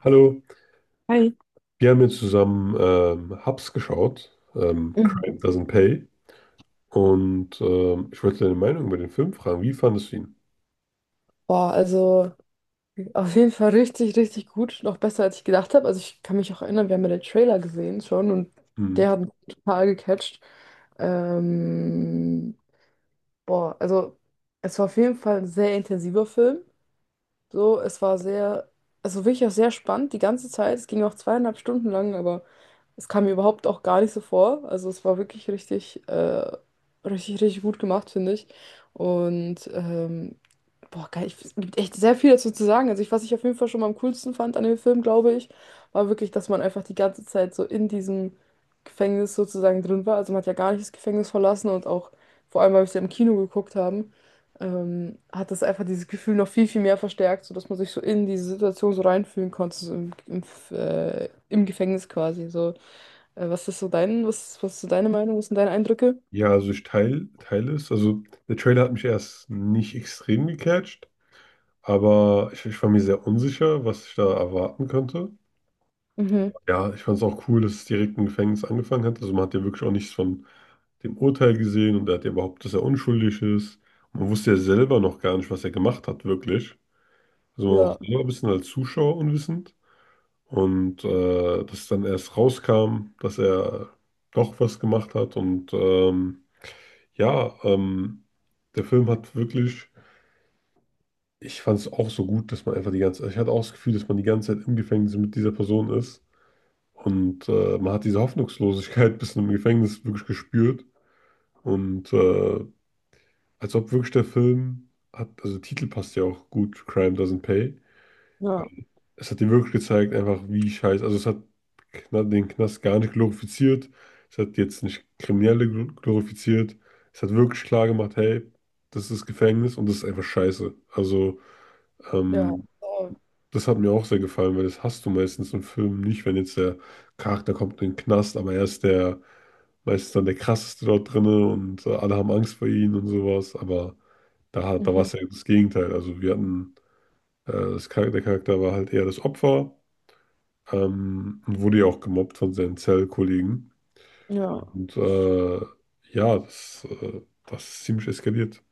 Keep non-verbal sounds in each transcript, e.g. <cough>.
Hallo, Hi. wir haben jetzt zusammen Hubs geschaut, Crime Mhm. Doesn't Pay. Und ich wollte deine Meinung über den Film fragen. Wie fandest du ihn? Boah, also auf jeden Fall richtig, richtig gut. Noch besser, als ich gedacht habe. Also ich kann mich auch erinnern, wir haben ja den Trailer gesehen schon, und Hm. der hat mich total gecatcht. Ähm, Boah, also es war auf jeden Fall ein sehr intensiver Film. So, es war sehr, also wirklich auch sehr spannend die ganze Zeit. Es ging auch zweieinhalb Stunden lang, aber es kam mir überhaupt auch gar nicht so vor. Also es war wirklich richtig, richtig, richtig gut gemacht, finde ich. Und Boah, geil. Ich, es gibt echt sehr viel dazu zu sagen. Also ich, was ich auf jeden Fall schon mal am coolsten fand an dem Film, glaube ich, war wirklich, dass man einfach die ganze Zeit so in diesem Gefängnis sozusagen drin war. Also man hat ja gar nicht das Gefängnis verlassen, und auch, vor allem, weil wir es ja im Kino geguckt haben, hat das einfach dieses Gefühl noch viel, viel mehr verstärkt, sodass man sich so in diese Situation so reinfühlen konnte, so im Gefängnis quasi. So, was ist so dein, was, was ist so deine Meinung, was sind deine Eindrücke? Ja, also ich teile teil es. Also der Trailer hat mich erst nicht extrem gecatcht, aber ich war mir sehr unsicher, was ich da erwarten könnte. Mhm. Ja, ich fand es auch cool, dass es direkt im Gefängnis angefangen hat. Also man hat ja wirklich auch nichts von dem Urteil gesehen und er hat ja überhaupt, dass er unschuldig ist. Man wusste ja selber noch gar nicht, was er gemacht hat, wirklich. Also man war auch Ja, selber ein bisschen als Zuschauer unwissend. Und dass dann erst rauskam, dass er doch was gemacht hat. Und ja, ähm, der Film hat wirklich, ich fand es auch so gut, dass man einfach die ganze, ich hatte auch das Gefühl, dass man die ganze Zeit im Gefängnis mit dieser Person ist. Und man hat diese Hoffnungslosigkeit <laughs> bis im Gefängnis wirklich gespürt. Und als ob wirklich der Film hat, also der Titel passt ja auch gut, Crime Doesn't Pay, ja, es hat dir wirklich gezeigt, einfach wie scheiße. Also es hat den Knast gar nicht glorifiziert. Es hat jetzt nicht Kriminelle glorifiziert. Es hat wirklich klar gemacht, hey, das ist Gefängnis und das ist einfach scheiße. Also ja. ähm, Ja. das hat mir auch sehr gefallen, weil das hast du meistens in Filmen nicht, wenn jetzt der Charakter kommt in den Knast, aber er ist der meistens dann der krasseste dort drinne und alle haben Angst vor ihm und sowas. Aber da war Mhm. es ja das Gegenteil. Also wir hatten, das Charakter, der Charakter war halt eher das Opfer. Und wurde ja auch gemobbt von seinen Zellkollegen. Ja. Und ja, das ist ziemlich eskaliert.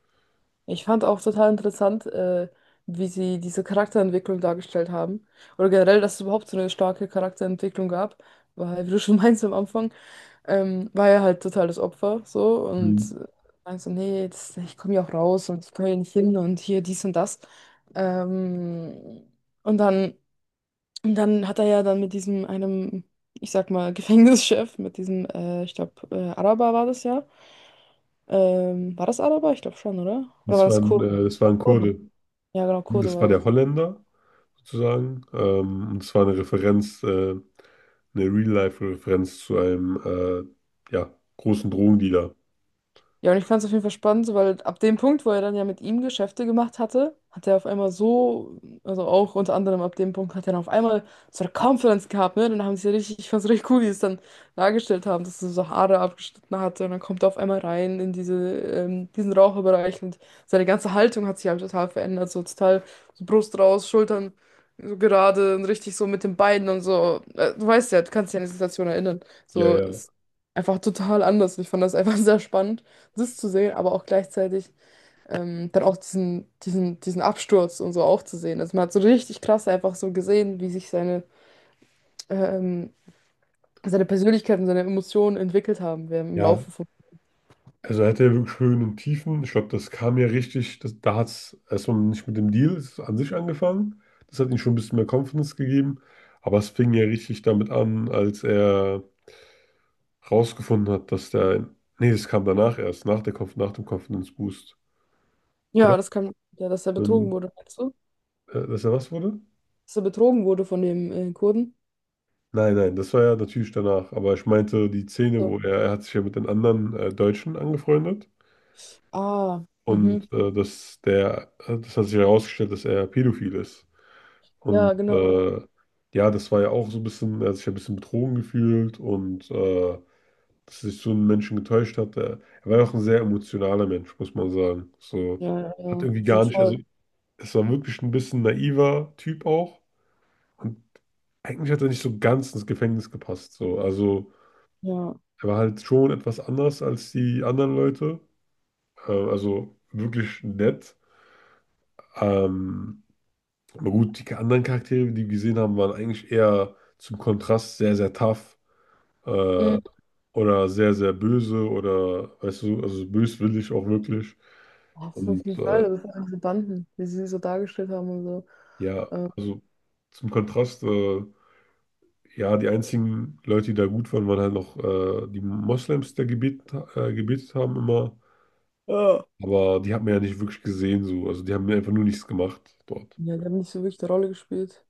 Ich fand auch total interessant, wie sie diese Charakterentwicklung dargestellt haben. Oder generell, dass es überhaupt so eine starke Charakterentwicklung gab. Weil, wie du schon <laughs> meinst am Anfang, war er halt total das Opfer so und Mhm. Meinst so, nee, das, ich komme hier auch raus und ich komme hier nicht hin und hier dies und das. Ähm, und dann, und dann hat er ja dann mit diesem einem, ich sag mal, <laughs> Gefängnischef, mit diesem, ich glaube, Araber war das ja. War das Araber? Ich glaube schon, oder? Oder war das Kurden? Das war ein Kurde. Ja, genau, Kurse Das war war. der Holländer sozusagen. Und es war eine Referenz, eine Real-Life-Referenz zu einem ja, großen Drogendealer. Ja, und ich fand es auf jeden Fall spannend, so, weil ab dem Punkt, wo er dann ja mit ihm Geschäfte gemacht hatte, hat er auf einmal so, also auch unter anderem ab dem Punkt hat er dann auf einmal so eine Confidence gehabt, ne? Dann haben sie ja richtig, ich fand's richtig cool, wie sie es dann dargestellt haben, dass er so Haare abgeschnitten hatte, und dann kommt er auf einmal rein in diese, diesen Raucherbereich, und seine ganze Haltung hat sich halt total verändert, so total so Brust raus, Schultern so gerade und richtig so mit den Beinen und so. Du weißt ja, du kannst dich an die Situation erinnern. Ja, So, ja. ist einfach total anders. Ich fand das einfach <laughs> sehr spannend das zu sehen, aber auch gleichzeitig dann auch diesen Absturz und so auch zu sehen. Also man hat so richtig krass einfach so gesehen, wie sich seine, ähm, seine Persönlichkeit und seine Emotionen entwickelt haben während im Ja, Laufe von. also er hatte ja wirklich Höhen und Tiefen. Ich glaube, das kam ja richtig, das, da hat es erstmal nicht mit dem Deal es an sich angefangen. Das hat ihm schon ein bisschen mehr Confidence gegeben. Aber es fing ja richtig damit an, als er rausgefunden hat, dass der, nee, das kam danach erst, nach der Conf, nach dem Confidence Boost, Ja, oder? das kann, ja, dass er betrogen Ähm, wurde, meinst du? Dass er was wurde? Dass er betrogen wurde von dem Kurden? Nein, nein, das war ja natürlich danach. Aber ich meinte die Szene, So. wo er hat sich ja mit den anderen Deutschen angefreundet Ah, mhm. und dass der, das hat sich herausgestellt, dass er pädophil ist. Und Ja, genau. Ja, das war ja auch so ein bisschen, er hat sich ja ein bisschen betrogen gefühlt und dass sich so ein Menschen getäuscht hat. Er war ja auch ein sehr emotionaler Mensch, muss man sagen. So, Ja, ja, hat ja. irgendwie Auf jeden gar nicht, also Fall. es war wirklich ein bisschen naiver Typ auch. Und eigentlich hat er nicht so ganz ins Gefängnis gepasst. So. Also Ja. er war halt schon etwas anders als die anderen Leute. Also wirklich nett. Ähm, Aber gut, die anderen Charaktere, die wir gesehen haben, waren eigentlich eher zum Kontrast sehr, sehr tough, äh, Mhm. oder sehr, sehr böse oder, weißt du, also böswillig auch wirklich. Auf Und jeden Fall, das sind diese Banden, wie sie sie so dargestellt haben und so. ja, Äh, also zum Kontrast, ja, die einzigen Leute, die da gut waren, waren halt noch die Moslems, die da gebetet, gebetet haben immer. ja. Aber die hat man ja nicht wirklich gesehen, so. Also die haben einfach nur nichts gemacht dort. Ja, die haben nicht so wirklich eine Rolle gespielt.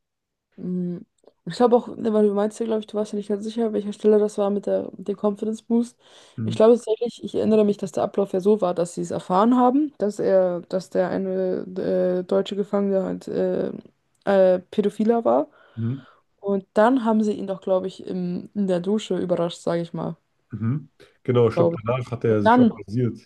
Mhm. Und ich glaube auch, ne, weil du meinst ja, glaube ich, du warst ja nicht ganz sicher, welcher Stelle das war mit der, mit dem Confidence Boost. Ich Mhm. glaube tatsächlich, ich erinnere mich, dass der Ablauf ja so war, dass sie es erfahren haben, dass er, dass der eine deutsche Gefangene halt Pädophiler war. Mhm. Und dann haben sie ihn doch, glaube ich, im, in der Dusche überrascht, sage ich mal. Mhm. Genau, ich glaube, Glaube ich. danach hat Und er sich auch dann, rasiert.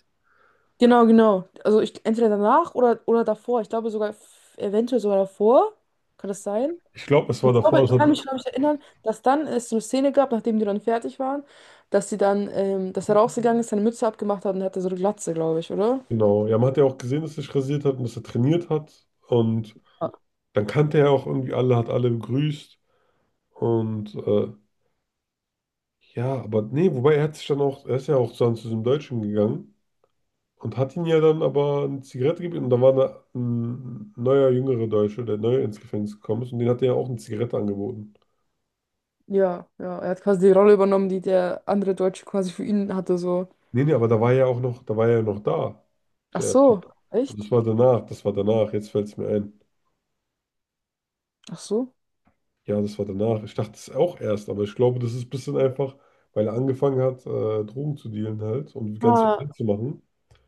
genau, genau. Also ich, entweder danach oder davor. Ich glaube sogar, eventuell sogar davor. Kann das sein? Ich glaube, es war Ich davor, glaube, das ich hat, kann mich, glaube ich, erinnern, dass dann es so eine Szene gab, nachdem die dann fertig waren, dass sie dann, dass er rausgegangen ist, seine Mütze abgemacht hat und er hatte so eine Glatze, glaube ich, oder? genau, ja, man hat ja auch gesehen, dass er sich rasiert hat und dass er trainiert hat. Und Ah, dann kannte er auch irgendwie alle, hat alle begrüßt. Und ja, aber nee, wobei er hat sich dann auch, er ist ja auch dann zu diesem Deutschen gegangen und hat ihn ja dann aber eine Zigarette gegeben. Und da war eine, ein neuer, jüngerer Deutsche, der neu ins Gefängnis gekommen ist. Und den hat er ja auch eine Zigarette angeboten. ja, ja, er hat quasi die Rolle übernommen, die der andere Deutsche quasi für ihn hatte, so. Aber da war er ja auch noch, da war er ja noch da, Ach der Typ. so, Also echt? Das war danach, jetzt fällt es mir ein. Ach so. Ja, das war danach. Ich dachte es auch erst, aber ich glaube, das ist ein bisschen einfach, weil er angefangen hat, Drogen zu dealen halt und ganz viel Ah, Geld zu machen.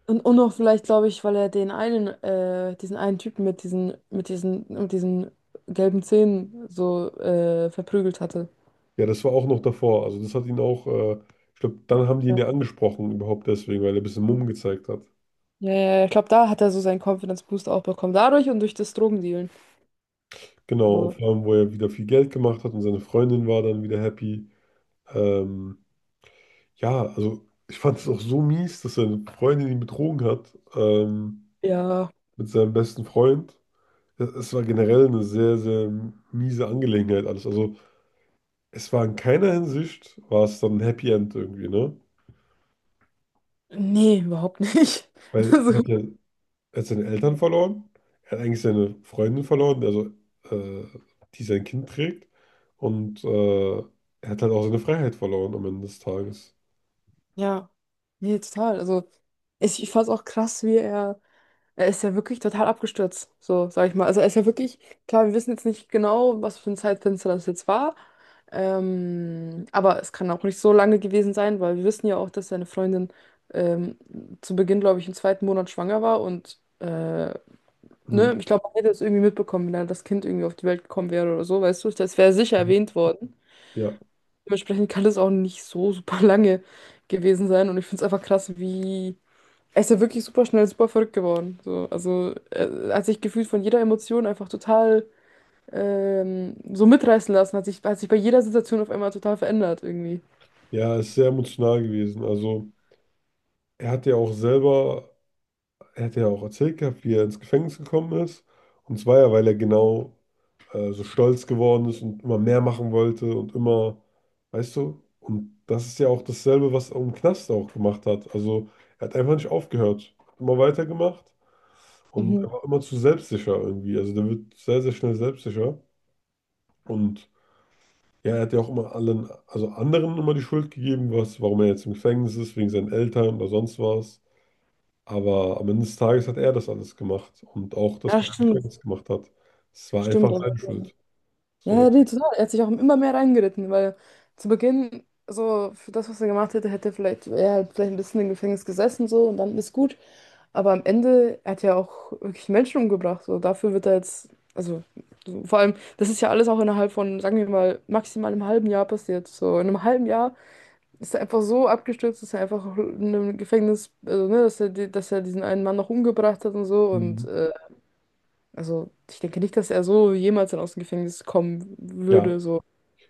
und noch vielleicht, glaube ich, weil er den einen, diesen einen Typen mit diesen, mit diesen, mit diesen gelben Zähnen so verprügelt hatte. Ja, das war auch noch davor. Also das hat ihn auch, ich glaube, dann haben die ihn Ja, ja angesprochen überhaupt deswegen, weil er ein bisschen Mumm gezeigt hat. ja, ja, ich glaube, da hat er so seinen Confidence Boost auch bekommen. Dadurch und durch das Drogendealen. Genau, und So, vor allem, wo er wieder viel Geld gemacht hat und seine Freundin war dann wieder happy. Ähm, ja, also ich fand es auch so mies, dass seine Freundin ihn betrogen hat, ja, mit seinem besten Freund. Es war generell eine sehr, sehr miese Angelegenheit alles. Also es war in keiner Hinsicht, war es dann ein Happy End irgendwie, ne? nee, überhaupt nicht. <laughs> Weil er Also, hat ja, er hat seine Eltern verloren, er hat eigentlich seine Freundin verloren, also äh, die sein Kind trägt. Und er hat halt auch seine Freiheit verloren am Ende des Tages. ja, nee, total. Also, ich fand es auch krass, wie er, er ist ja wirklich total abgestürzt, so, sag ich mal. Also, er ist ja wirklich, klar, wir wissen jetzt nicht genau, was für ein Zeitfenster das jetzt war. Aber es kann auch nicht so lange gewesen sein, weil wir wissen ja auch, dass seine Freundin ähm, zu Beginn, glaube ich, im zweiten Monat schwanger war und, Mhm. ne, ich glaube, man hätte es irgendwie mitbekommen, wenn da das Kind irgendwie auf die Welt gekommen wäre oder so, weißt du, das wäre sicher erwähnt worden. Ja, Dementsprechend kann das auch nicht so super <laughs> lange gewesen sein. Und ich finde es einfach krass, wie. Er ist ja wirklich super schnell, super verrückt geworden. So, also er hat sich gefühlt von jeder Emotion einfach total so mitreißen lassen, hat sich bei jeder Situation auf einmal total verändert irgendwie. ja, ist sehr emotional gewesen. Also er hat ja auch selber, er hat ja auch erzählt gehabt, wie er ins Gefängnis gekommen ist. Und zwar ja, weil er genau so stolz geworden ist und immer mehr machen wollte und immer, weißt du, und das ist ja auch dasselbe, was er im Knast auch gemacht hat. Also er hat einfach nicht aufgehört, hat immer weitergemacht und er Mhm. war immer zu selbstsicher irgendwie. Also der wird sehr, sehr schnell selbstsicher. Und ja, er hat ja auch immer allen, also anderen immer die Schuld gegeben, was, warum er jetzt im Gefängnis ist, wegen seinen Eltern oder sonst was. Aber am Ende des Tages hat er das alles gemacht und auch das, Ja, was er im stimmt. Gefängnis gemacht hat. Es war Stimmt. einfach Aber, seine Schuld. ja, So. ja, nee, total. Er hat sich auch immer mehr reingeritten, weil zu Beginn, so für das, was er gemacht hätte, hätte vielleicht, er hat vielleicht ein bisschen im Gefängnis gesessen so, und dann ist gut. Aber am Ende hat er auch wirklich Menschen umgebracht. So, dafür wird er jetzt, also so, vor allem, das ist ja alles auch innerhalb von, sagen wir mal, maximal einem halben Jahr passiert. So, in einem halben Jahr ist er einfach so abgestürzt, dass er einfach in einem Gefängnis, also, ne, dass er, dass er diesen einen Mann noch umgebracht hat und so. Und Mhm. Also ich denke nicht, dass er so jemals dann aus dem Gefängnis kommen Ja, würde. So,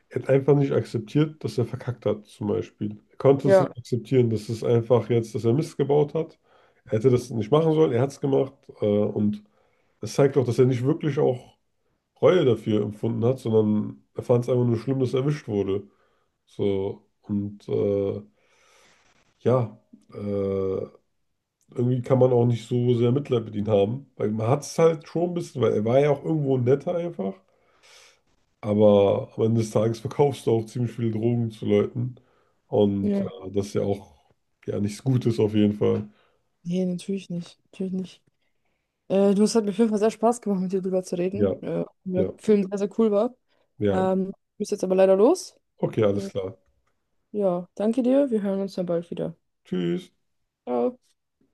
er hat einfach nicht akzeptiert, dass er verkackt hat, zum Beispiel. Er konnte es ja. nicht akzeptieren, dass es einfach jetzt, dass er Mist gebaut hat. Er hätte das nicht machen sollen, er hat es gemacht. Und es zeigt auch, dass er nicht wirklich auch Reue dafür empfunden hat, sondern er fand es einfach nur schlimm, dass er erwischt wurde. So, und ja, äh, irgendwie kann man auch nicht so sehr Mitleid mit ihm haben. Weil man hat es halt schon ein bisschen, weil er war ja auch irgendwo netter einfach. Aber am Ende des Tages verkaufst du auch ziemlich viele Drogen zu Leuten. Und Ja. Das ist ja auch ja nichts Gutes auf jeden Fall. Nee, natürlich nicht. Natürlich nicht. Du, es hat mir auf jeden Fall sehr Spaß gemacht, mit dir drüber zu Ja, reden. Der ja, Film sehr, sehr cool war. ja. Ich muss jetzt aber leider los. Okay, alles Äh, klar. ja, danke dir. Wir hören uns dann bald wieder. Tschüss. Ciao.